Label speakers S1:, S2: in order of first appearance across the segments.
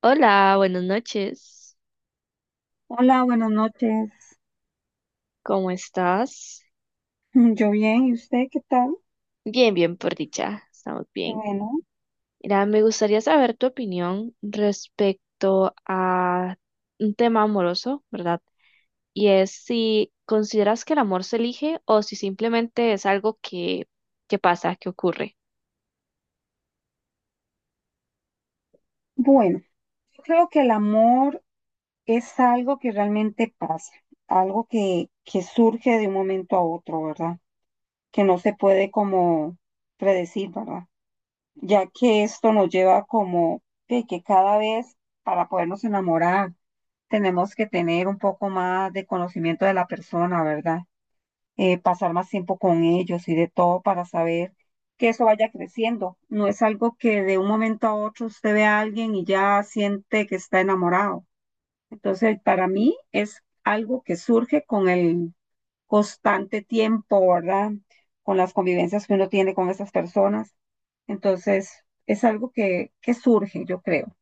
S1: Hola, buenas noches.
S2: Hola, buenas noches.
S1: ¿Cómo estás?
S2: Yo bien, ¿y usted qué tal?
S1: Bien, bien, por dicha. Estamos
S2: Qué
S1: bien.
S2: bueno.
S1: Mira, me gustaría saber tu opinión respecto a un tema amoroso, ¿verdad? Y es si consideras que el amor se elige o si simplemente es algo que pasa, que ocurre.
S2: Bueno, yo creo que el amor es algo que realmente pasa, algo que surge de un momento a otro, ¿verdad? Que no se puede como predecir, ¿verdad? Ya que esto nos lleva como que cada vez para podernos enamorar tenemos que tener un poco más de conocimiento de la persona, ¿verdad? Pasar más tiempo con ellos y de todo para saber que eso vaya creciendo. No es algo que de un momento a otro usted ve a alguien y ya siente que está enamorado. Entonces, para mí es algo que surge con el constante tiempo, ¿verdad? Con las convivencias que uno tiene con esas personas. Entonces, es algo que surge, yo creo.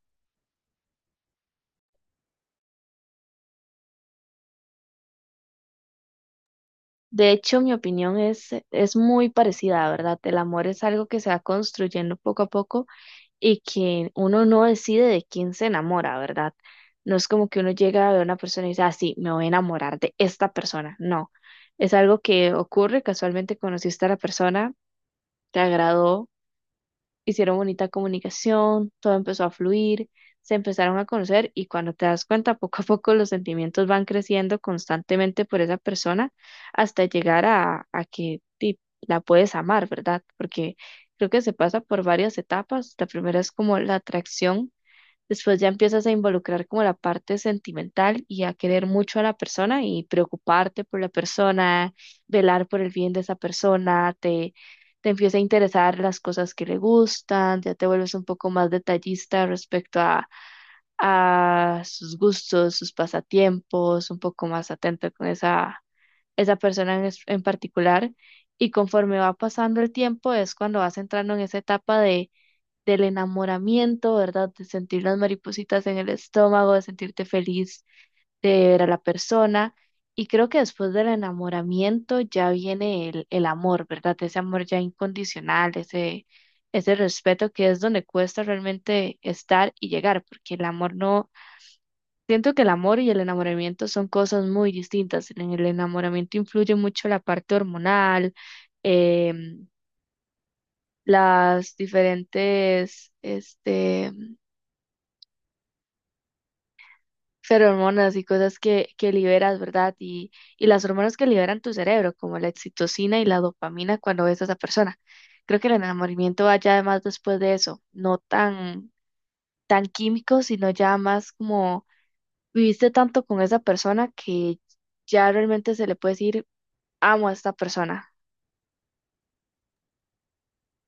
S1: De hecho, mi opinión es muy parecida, ¿verdad? El amor es algo que se va construyendo poco a poco y que uno no decide de quién se enamora, ¿verdad? No es como que uno llega a ver a una persona y dice, ah, sí, me voy a enamorar de esta persona. No, es algo que ocurre, casualmente conociste a la persona, te agradó, hicieron bonita comunicación, todo empezó a fluir, se empezaron a conocer y cuando te das cuenta, poco a poco los sentimientos van creciendo constantemente por esa persona hasta llegar a que la puedes amar, ¿verdad? Porque creo que se pasa por varias etapas. La primera es como la atracción. Después ya empiezas a involucrar como la parte sentimental y a querer mucho a la persona y preocuparte por la persona, velar por el bien de esa persona, te empieza a interesar las cosas que le gustan, ya te vuelves un poco más detallista respecto a sus gustos, sus pasatiempos, un poco más atento con esa persona en particular. Y conforme va pasando el tiempo es cuando vas entrando en esa etapa de del enamoramiento, ¿verdad? De sentir las maripositas en el estómago, de sentirte feliz de ver a la persona. Y creo que después del enamoramiento ya viene el amor, ¿verdad? Ese amor ya incondicional, ese respeto que es donde cuesta realmente estar y llegar, porque el amor no, siento que el amor y el enamoramiento son cosas muy distintas. En el enamoramiento influye mucho la parte hormonal, em, las diferentes, hormonas y cosas que liberas, ¿verdad? Y las hormonas que liberan tu cerebro, como la oxitocina y la dopamina cuando ves a esa persona. Creo que el enamoramiento va ya además después de eso, no tan químico, sino ya más como viviste tanto con esa persona que ya realmente se le puede decir, amo a esta persona.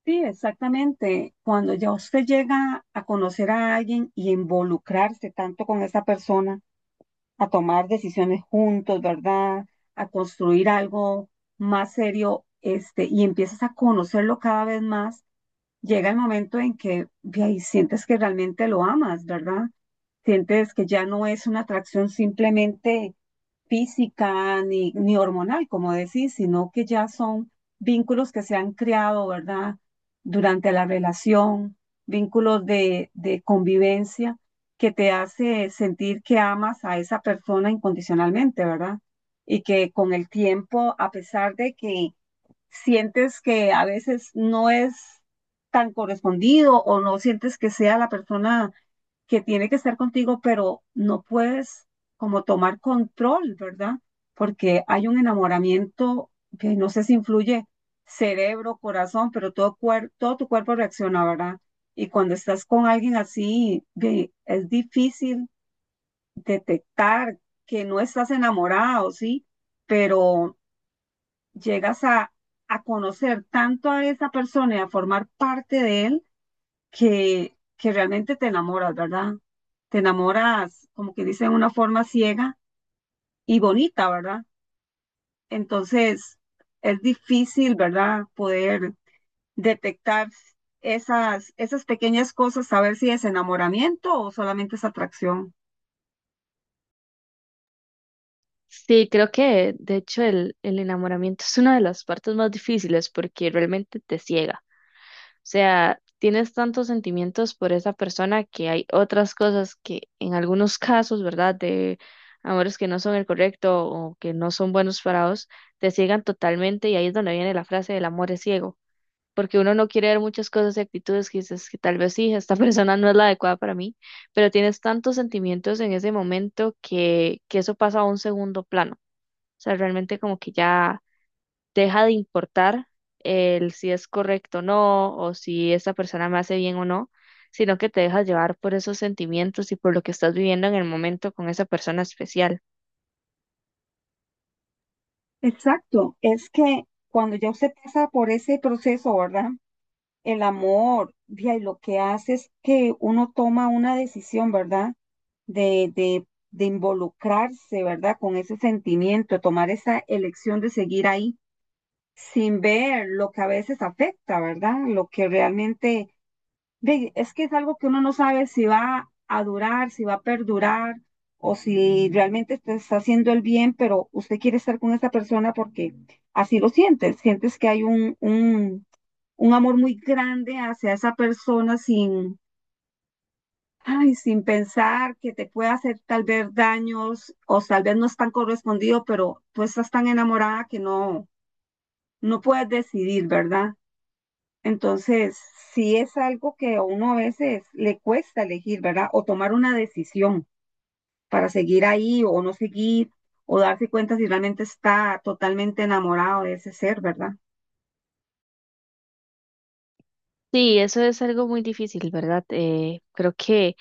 S2: Sí, exactamente. Cuando ya usted llega a conocer a alguien y involucrarse tanto con esa persona, a tomar decisiones juntos, ¿verdad? A construir algo más serio, este, y empiezas a conocerlo cada vez más llega el momento en que ve ahí, sientes que realmente lo amas, ¿verdad? Sientes que ya no es una atracción simplemente física ni hormonal, como decís, sino que ya son vínculos que se han creado, ¿verdad? Durante la relación, vínculos de convivencia que te hace sentir que amas a esa persona incondicionalmente, ¿verdad? Y que con el tiempo, a pesar de que sientes que a veces no es tan correspondido o no sientes que sea la persona que tiene que estar contigo, pero no puedes como tomar control, ¿verdad? Porque hay un enamoramiento que no sé si influye cerebro, corazón, pero todo, todo tu cuerpo reacciona, ¿verdad? Y cuando estás con alguien así, ve, es difícil detectar que no estás enamorado, ¿sí? Pero llegas a conocer tanto a esa persona y a formar parte de él que realmente te enamoras, ¿verdad? Te enamoras, como que dicen, de una forma ciega y bonita, ¿verdad? Entonces, es difícil, ¿verdad? Poder detectar esas pequeñas cosas, saber si es enamoramiento o solamente es atracción.
S1: Sí, creo que de hecho el enamoramiento es una de las partes más difíciles porque realmente te ciega. Sea, tienes tantos sentimientos por esa persona que hay otras cosas que en algunos casos, ¿verdad? De amores que no son el correcto o que no son buenos para vos, te ciegan totalmente y ahí es donde viene la frase del amor es ciego, porque uno no quiere ver muchas cosas y actitudes que dices que tal vez sí, esta persona no es la adecuada para mí, pero tienes tantos sentimientos en ese momento que eso pasa a un segundo plano. O sea, realmente como que ya deja de importar el si es correcto o no, o si esa persona me hace bien o no, sino que te dejas llevar por esos sentimientos y por lo que estás viviendo en el momento con esa persona especial.
S2: Exacto, es que cuando ya usted pasa por ese proceso, ¿verdad? El amor, vía, y lo que hace es que uno toma una decisión, ¿verdad? De, de, de involucrarse, ¿verdad? Con ese sentimiento, tomar esa elección de seguir ahí, sin ver lo que a veces afecta, ¿verdad? Lo que realmente, ve, es que es algo que uno no sabe si va a durar, si va a perdurar, o si realmente te está haciendo el bien, pero usted quiere estar con esa persona porque así lo sientes, sientes que hay un amor muy grande hacia esa persona sin, ay, sin pensar que te puede hacer tal vez daños o tal vez no es tan correspondido, pero tú estás tan enamorada que no, no puedes decidir, ¿verdad? Entonces, sí es algo que a uno a veces le cuesta elegir, ¿verdad? O tomar una decisión para seguir ahí o no seguir, o darse cuenta si realmente está totalmente enamorado de ese ser, ¿verdad?
S1: Sí, eso es algo muy difícil, ¿verdad?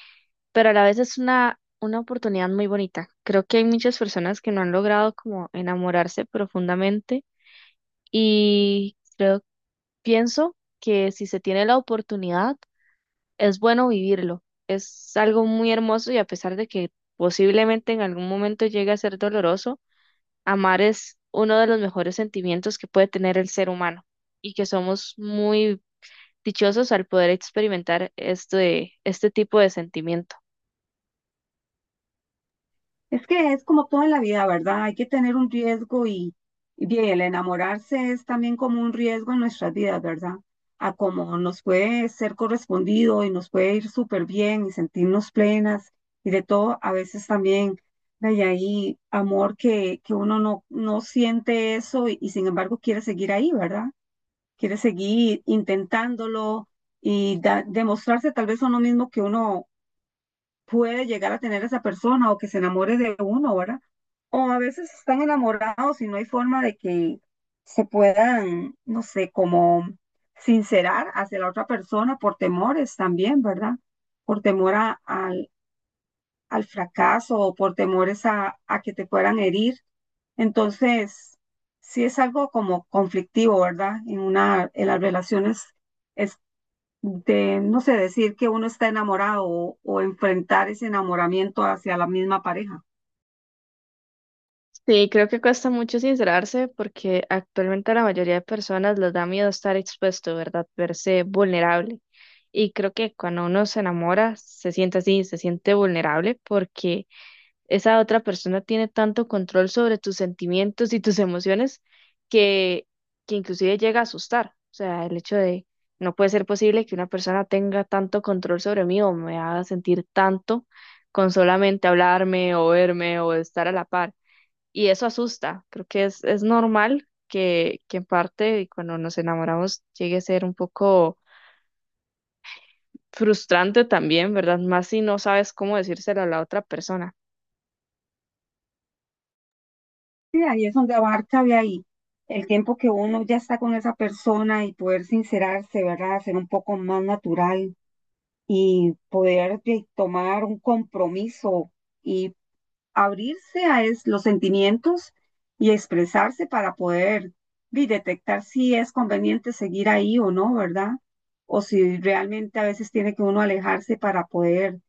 S1: Pero a la vez es una oportunidad muy bonita. Creo que hay muchas personas que no han logrado como enamorarse profundamente y creo, pienso que si se tiene la oportunidad, es bueno vivirlo. Es algo muy hermoso y a pesar de que posiblemente en algún momento llegue a ser doloroso, amar es uno de los mejores sentimientos que puede tener el ser humano y que somos muy dichosos al poder experimentar este tipo de sentimiento.
S2: Es que es como todo en la vida, ¿verdad? Hay que tener un riesgo y bien, el enamorarse es también como un riesgo en nuestras vidas, ¿verdad? A como nos puede ser correspondido y nos puede ir súper bien y sentirnos plenas y de todo, a veces también hay ahí amor que uno no siente eso y sin embargo quiere seguir ahí, ¿verdad? Quiere seguir intentándolo y demostrarse tal vez a uno mismo que uno puede llegar a tener esa persona o que se enamore de uno, ¿verdad? O a veces están enamorados y no hay forma de que se puedan, no sé, como sincerar hacia la otra persona por temores también, ¿verdad? Por temor al, al fracaso o por temores a que te puedan herir. Entonces, sí es algo como conflictivo, ¿verdad? En una, en las relaciones de, no sé, decir que uno está enamorado o enfrentar ese enamoramiento hacia la misma pareja.
S1: Sí, creo que cuesta mucho sincerarse porque actualmente a la mayoría de personas les da miedo estar expuesto, ¿verdad? Verse vulnerable. Y creo que cuando uno se enamora, se siente así, se siente vulnerable porque esa otra persona tiene tanto control sobre tus sentimientos y tus emociones que, que inclusive llega a asustar. O sea, el hecho de no puede ser posible que una persona tenga tanto control sobre mí o me haga sentir tanto con solamente hablarme o verme o estar a la par. Y eso asusta. Creo que es normal que en parte cuando nos enamoramos llegue a ser un poco frustrante también, ¿verdad? Más si no sabes cómo decírselo a la otra persona.
S2: Sí, ahí es donde abarca de ahí el tiempo que uno ya está con esa persona y poder sincerarse, ¿verdad? Ser un poco más natural y poder de, tomar un compromiso y abrirse a los sentimientos y expresarse para poder de, detectar si es conveniente seguir ahí o no, ¿verdad? O si realmente a veces tiene que uno alejarse para poder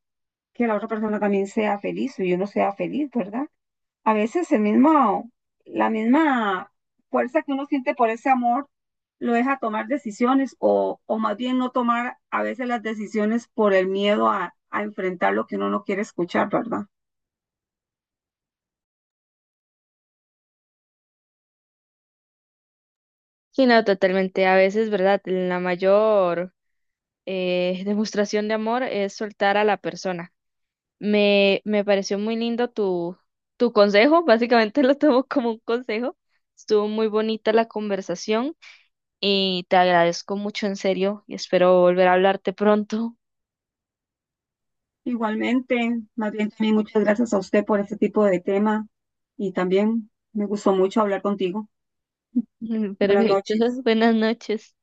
S2: que la otra persona también sea feliz o yo no sea feliz, ¿verdad? A veces el mismo, la misma fuerza que uno siente por ese amor lo deja tomar decisiones o más bien no tomar a veces las decisiones por el miedo a enfrentar lo que uno no quiere escuchar, ¿verdad?
S1: Sí, no, totalmente. A veces, ¿verdad? La mayor demostración de amor es soltar a la persona. Me pareció muy lindo tu consejo, básicamente lo tomo como un consejo. Estuvo muy bonita la conversación y te agradezco mucho, en serio, y espero volver a hablarte pronto.
S2: Igualmente, más bien también muchas gracias a usted por este tipo de tema y también me gustó mucho hablar contigo. Buenas
S1: Perfecto.
S2: noches.
S1: Buenas noches.